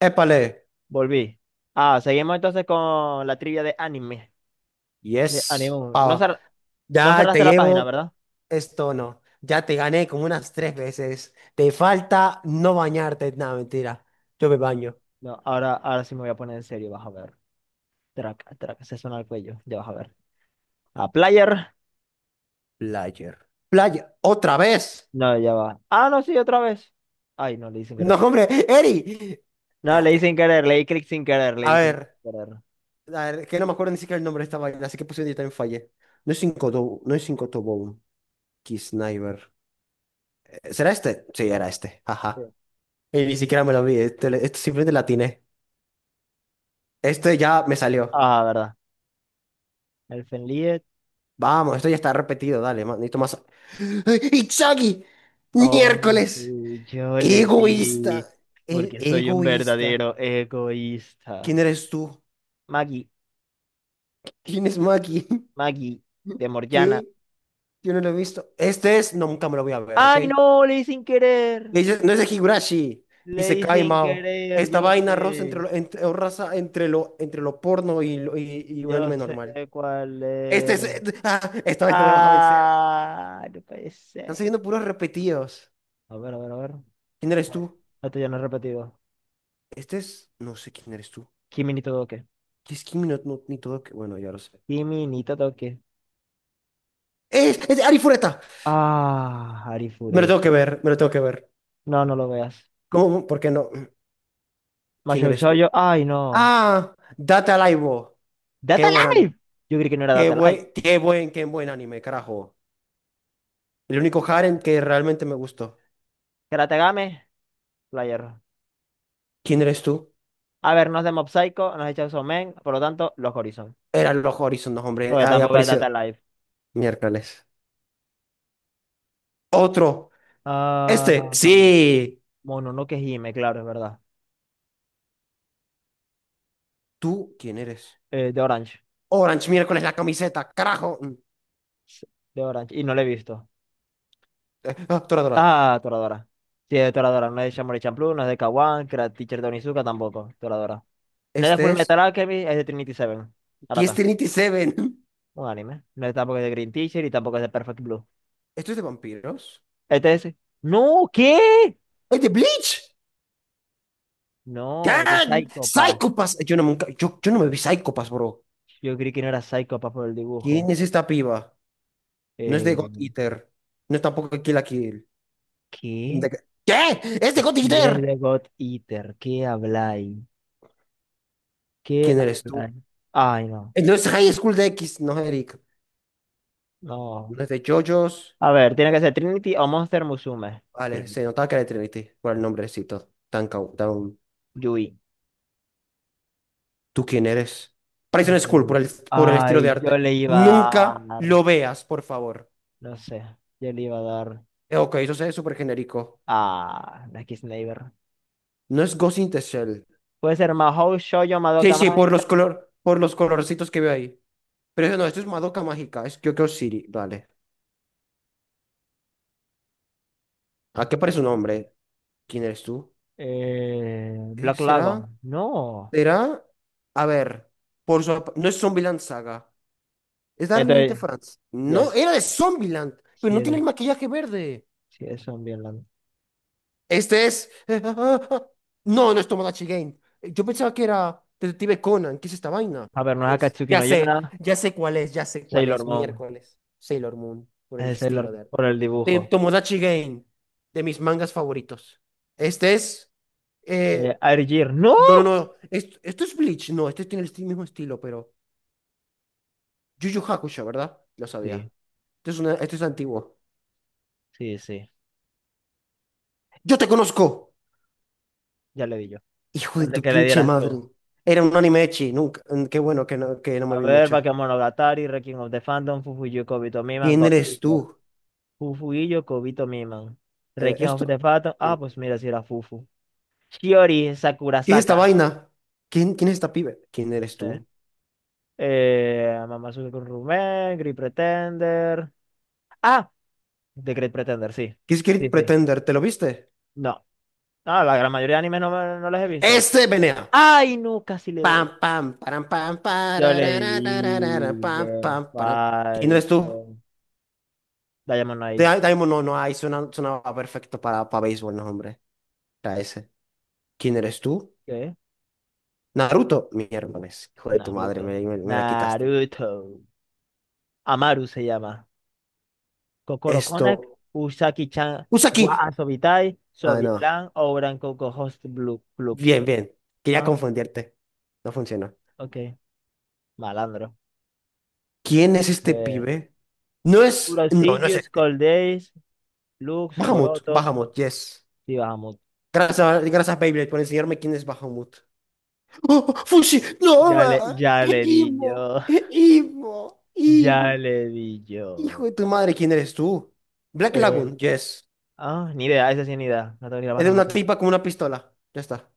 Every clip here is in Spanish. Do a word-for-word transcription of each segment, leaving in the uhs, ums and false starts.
Épale, Volví. Ah, seguimos entonces con la trivia de anime. De yes, anime. No, ah, cer- no ya te cerraste la página, llevo ¿verdad? esto. No, ya te gané como unas tres veces. Te falta no bañarte. Nada, mentira, yo me baño. No, ahora, ahora sí me voy a poner en serio, vas a ver. Traca, traca, se suena el cuello, ya vas a ver. A player. Player, playa, otra vez. No, ya va. Ah, no, sí, otra vez. Ay, no, le di sin No, querer. hombre, Eri. No, Ah, le di sin querer, le di clic sin querer, le a di clic ver, sin querer. a ver, que no me acuerdo ni siquiera el nombre de esta vaina, así que puse yo también fallé. No es cinco do- no es cinco Tobón, Sniper. ¿Será este? Sí, era este, Sí. ajá, y ni siquiera me lo vi. este, este simplemente la atiné. Este ya me salió. Ah, verdad. El Fenliet. Vamos, esto ya está repetido, dale, ma- necesito más. ¡Itzagi! Oh, ¡Miércoles! sí, yo le ¡Egoísta! di. El Porque soy un egoísta. verdadero egoísta. ¿Quién eres tú? Maggie, ¿Quién es Maki? Maggie, de Morgiana. ¿Qué? Yo no lo he visto. Este es. No, nunca me lo voy a ver, ¿ok? Ay, no, leí sin querer. Dice- No es de Higurashi. Dice Leí Kai sin Mao. querer, Esta yo vaina rosa sé. entre lo, entre, o raza entre lo, entre lo porno y, lo- y, y un Yo anime sé normal. cuál Este es. es. Ah, esta vez no me vas a vencer. Ah, no puede Están ser. saliendo puros repetidos. A ver, a ver, a ver. ¿Quién eres No, tú? esto ya no es repetido. Este es. No sé quién eres tú. Kimi ni Todoke. Y es Kimi no, no- ni todo que... Bueno, ya lo sé. Kimi ni Todoke. ¡Es, es de Ari Fureta! Ah, Me lo Arifuret. tengo que ver, me lo tengo que ver. No, no lo veas. ¿Cómo? ¿Por qué no? ¿Quién Majou eres tú? Shoujo. Ay, no. ¡Ah! Data Live. Qué Data buen anime. Live. Yo creí que no era Qué Data Live. buen, qué buen, qué buen anime, carajo. El único harem que realmente me gustó. Karate Game, Player. ¿Quién eres tú? A ver, nos de Mob Psycho, nos de Chainsaw Man, por lo tanto, los Horizon. Eran los Horizon, no, hombre. Porque Ahí tampoco es Data apareció. Live. Miércoles. Otro. Ah. Este. Sí. Mononoke Hime, claro, es verdad. ¿Tú quién eres? Eh, de Orange. Orange, miércoles, la camiseta. Carajo. Mm. Sí, De Orange. Y no la he visto. Eh, Ah, Toradora. Ah, Toradora. Sí, es de Toradora. No es de Shaolin Champloo, no es de Kawan, Karate Teacher de Onizuka tampoco. Toradora. No es de Full Este Metal es. Alchemist, es de Trinity Seven. Kiss Arata. Trinity Seven. Un anime. No es tampoco de Green Teacher y tampoco es de Perfect Blue. ¿Esto es de vampiros? Este es. ¡No! ¿Qué? ¡Ay, de Bleach! No, de ¡Can! Psycho Pass. ¡Psychopass! Yo no, nunca, yo, yo no me vi Psychopass, bro. Yo creí que no era Psycho Pass por el ¿Quién dibujo. es esta piba? No es de God Eh, Eater. No es tampoco de Kill la Kill. ¿qué? De- ¿Qué? ¡Es de God Si es Eater! de God Eater, ¿qué habláis? ¿Qué ¿Quién eres tú? habláis? Ay, no. Eh, No es High School de X, no, Eric. No. No es de JoJo's. A ver, tiene que ser Trinity o Monster Musume. Vale, Trinity. se notaba que era de Trinity por el nombrecito. Tan, cau- tan... Yui. ¿Tú quién eres? Prison School por Eh, el, por el estilo de Ay, yo le arte. iba a Nunca dar. lo veas, por favor. No sé. Yo le iba a dar Eh, ok, eso es súper genérico. a Lucky Sniper. No es Ghost in the Shell. Puede ser Mahou, Shoujo, Sí, Madoka sí, por Mágica. los color, por los colorcitos que veo ahí. Pero eso no, esto es Madoka Mágica, es Kyoko City, vale. ¿A qué parece su Vale. nombre? ¿Quién eres tú? Eh, Eh, Black ¿Será? Lagoon. No. ¿Será? A ver, por su ap- no es Zombieland Saga. Es Darling in the Entonces, France. No, yes. era de Zombieland, pero Si no tiene el eres, maquillaje verde. si eres zombie hablando. Este es. No, no es Tomodachi Game. Yo pensaba que era Detective Conan. ¿Qué es esta vaina? A ver, no es Es- Akatsuki Ya no sé, Yona. ya sé cuál es, ya sé cuál Sailor es. Moon. Miércoles, Sailor Moon, por el Es Sailor estilo Moon de. por el de dibujo. Tomodachi Game, de mis mangas favoritos. Este es. eh, Eh, Air Gear. ¡No! No, no, no. Esto, esto es Bleach. No, este tiene el esti- mismo estilo, pero. Yu Yu Hakusho, ¿verdad? Lo sabía. Sí, Esto es, una- esto es antiguo. sí, sí. ¡Yo te conozco! Ya le di yo. Hijo de Antes tu que le pinche dieras madre. tú. Era un anime de nunca. mm, Qué bueno que no, que no me A vi ver, mucho. Bakemonogatari, Requiem of the Phantom, Fufuyu Kobito Miman, ¿Quién God eres tú? Eater. Fufuyu Kobito Miman. Eh, Requiem of ¿Esto? the Phantom. Ah, Sí. pues mira, si era Fufu. Shiori ¿Qué es esta Sakurasaka. vaina? ¿Quién, quién es esta pibe? ¿Quién No eres sé. tú? Eh, Mamazuke con Rumen, Great Pretender. Ah, The Great Pretender, sí. ¿Qué es Kirk Sí, sí. Pretender? ¿Te lo viste? No. Ah, la gran mayoría de animes no, me- no los he visto. ¡Este venea! ¡Ay, no! Casi le Pam, doy. pam, param, pam, Yo le parararararara, pam, dije pam, param. ¿Quién eres tú? falso. Diamond Eyes. Di- Daimon no, no, ahí suena, sonaba perfecto para, para béisbol, no, hombre. Era ese. ¿Quién eres tú? ¿Qué? Naruto. Mierda, ves, hijo de tu madre, Naruto. me, me me la quitaste. Naruto. Amaru se llama. Kokoro Konak, Esto. Usaki-chan, wa Usaki. Asobitai, Ah, no. Sobilan, Ouran Koko Host Blue Club. Bien, bien. Quería Ah, confundirte. No funcionó. ok. Malandro. ¿Quién es este Eh, pibe? No es. No, no es Kurosillus, este. Cold Days, Lux, Bahamut. Coroto. Bahamut, yes. Sí, bajamos. Gracias, gracias, Beyblade, por enseñarme quién es Bahamut. ¡Oh, Fushi! Ya ¡No! le, ah, ya le di yo. ¡Imo! ¡Imo! Ya ¡Imo! le di yo. Hijo de tu madre, ¿quién eres tú? Black Eh, Lagoon, yes. ah, ni idea, esa sí ni idea. No tengo ni la Es más de una remota. tipa con una pistola. Ya está.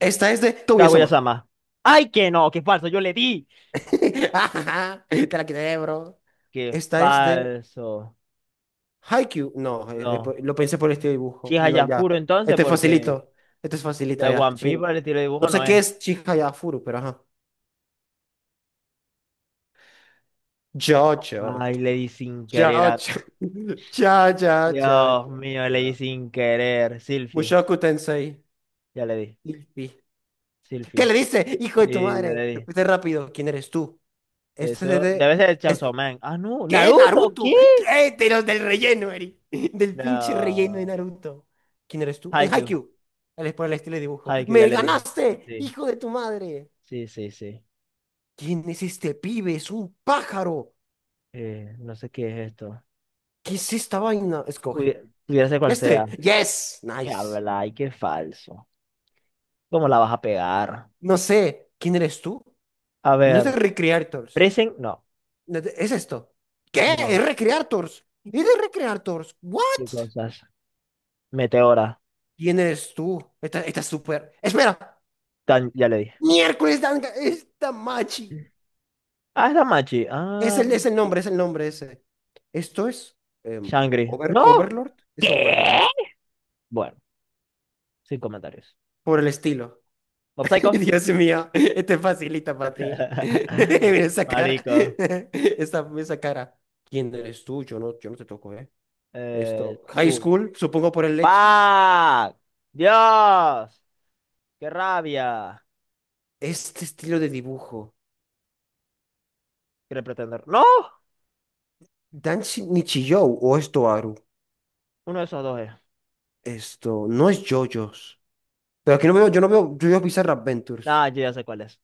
Esta es de Kaguya-sama. Kaguya-sama. ¡Ay, que no! ¡Qué falso! Yo le di. Te la quité, bro. ¡Qué Esta es de falso! Haikyuu, no, eh, eh, po- No. lo pensé por este Si dibujo. es No, ya. Hayafuro entonces, Este es porque. facilito. Este es De facilita ya, One Piece chino. para el estilo de No dibujo no sé es. qué es Chihaya furu, pero ajá. Jojo. Ay, le di sin querer Jojo. a... Cha, cha, cha, cha, Dios mío, le di cha. sin querer. Silphy, Mushoku Tensei. ya le di. Ippy. ¿Qué Silphy. le dice? Hijo de tu Sí, ya madre. le di. Fuiste rápido. ¿Quién eres tú? Este es Esto de... debe ser Chainsaw Este. Man. Ah, no. ¿Qué? Naruto, ¿qué? ¿Naruto? ¿Qué? De los del relleno, Eri. Del pinche relleno de No. Naruto. ¿Quién eres tú? Es Haikyuu. Haikyuu. Él es por el estilo de dibujo. Haikyuu, ya ¡Me le di. ganaste, Sí, hijo de tu madre! sí, sí, sí. ¿Quién es este pibe? ¡Es un pájaro! Eh, no sé qué es esto. ¿Qué es esta vaina? Pudi- Escoge. Pudiera ser cual sea. Este. Yes. Qué Nice. habla y qué falso. ¿Cómo la vas a pegar? No sé. ¿Quién eres tú? A No es de ver, Recreators. Presen, no, No es de- Es esto. ¿Qué? no. ¿Es Recreators? ¿Es de Recreators? ¿What? ¿Qué cosas? Meteora. ¿Quién eres tú? Esta, esta es súper. Espera. Tan, ya le Miércoles, Danga, esta machi. di. Ah, es Damachi. Es el, Ah, es el nombre, es el nombre ese. Esto es em, Shangri. Over- ¡No! Overlord, es Overlord, ¿Qué? Bueno, sin comentarios. por el estilo. Mob Psycho. Dios mío, este facilita para ti. Mira esa cara, Marico. esa, esa cara. ¿Quién eres tú? Yo no, yo no te toco, ¿eh? Eh, Esto, High tú. School, supongo por el leche. ¡Pac! ¡Dios! ¡Qué rabia! Este estilo de dibujo. Quiere pretender. ¡No! Danshi Nichijou o esto, Aru. Uno de esos dos es. Esto, no es JoJo's. Pero aquí no veo, yo no veo JoJo's Bizarre Adventures. Ah, yo ya sé cuál es.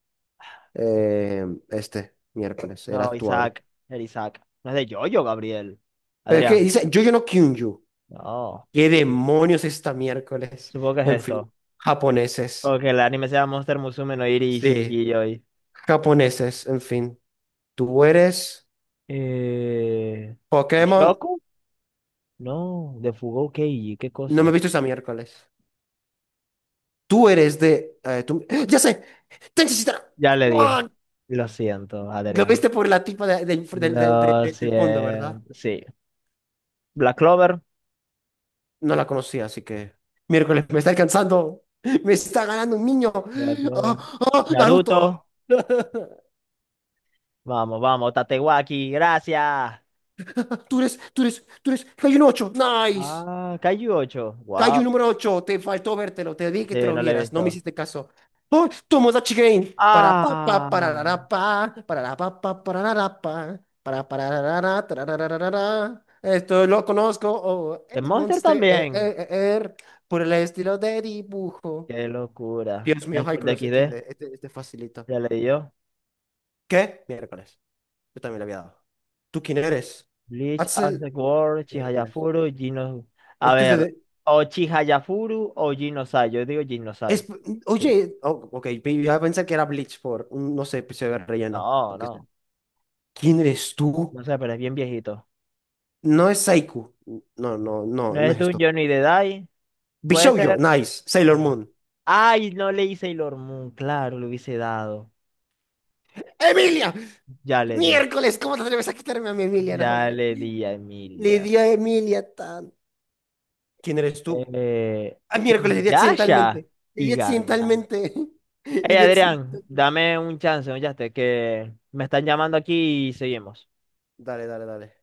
eh, Este miércoles, el No, actuador. Isaac. El Isaac. No es de Yoyo, Gabriel. Pero es que Adrián. dice Yoyono Kyunju. No. ¿Qué demonios esta miércoles? Supongo que es En fin, esto. japoneses. Porque el anime se llama Monster Musume no Iri Sí, Shihiyoi. japoneses, en fin. Tú eres Eh. Pokémon, ¿Shoku? No, de Fugou Keiji, qué no me he cosas. visto esta miércoles. Tú eres de... eh, tú- ¡Ah! Ya sé, Tenshin Shitara. Ya le dije. ¡Ah! Lo siento, Lo Adrián. viste por la tipa de- del del- del- Lo del- del fondo, ¿verdad? siento. Sí. Black Clover. No la conocía, así que. Miércoles, me está alcanzando. Me está ganando un niño. Black ¡Ah, Clover. ah, Naruto. Naruto. Vamos, vamos. Tatewaki. Gracias. Tú eres, tú eres, tú eres. Kaiju ocho. Nice. Ah, Kaiju ocho. Kaiju Wow. número ocho. Te faltó vértelo. Te dije que te Sí, lo no lo he vieras. No me visto. hiciste caso. Oh, Tomodachi Game. Para pa pa Ah. para la ra, pa para la pa pa para la ra, pa para para la ra, ra, tra, ra, ra, ra, ra, ra. Esto lo conozco. Oh, The es Monster Monster eh, también. eh, eh, er, por el estilo de dibujo. Qué locura. Dios mío, High School de Hycross X D. X D, este, este facilita. Ya leí yo. ¿Qué? Miércoles. Yo también le había dado. ¿Tú quién eres? Bleach, Axel. Axel World, Miércoles. Chihayafuru, Gino. A Esto es ver, de... o Chihayafuru o Ginosai. Yo digo es- Ginosai. Sí. Oye, oh, ok, pe- yo pensé que era Bleach por un, no sé, episodio de relleno, No, lo que sea. no. ¿Quién eres tú? No sé, pero es bien viejito. No es Saiku. No, no, no, No no es es esto. Dungeon ni de Dai. Puede Bishoujo, ser. nice. Sailor Ah. Moon. Ay, no leí Sailor Moon. Claro, lo hubiese dado. ¡Emilia! Ya le di. Miércoles, ¿cómo te atreves a quitarme a mi Emilia, no, Ya hombre? le di a Le Emilia. di a Emilia tan. ¿Quién eres tú? Eh, Ah, miércoles, le Inuyasha. accidentalmente. Le Y gana. accidentalmente. Hey, Le di. Adrián, dame un chance, oye, que me están llamando aquí y seguimos. Dale, dale, dale.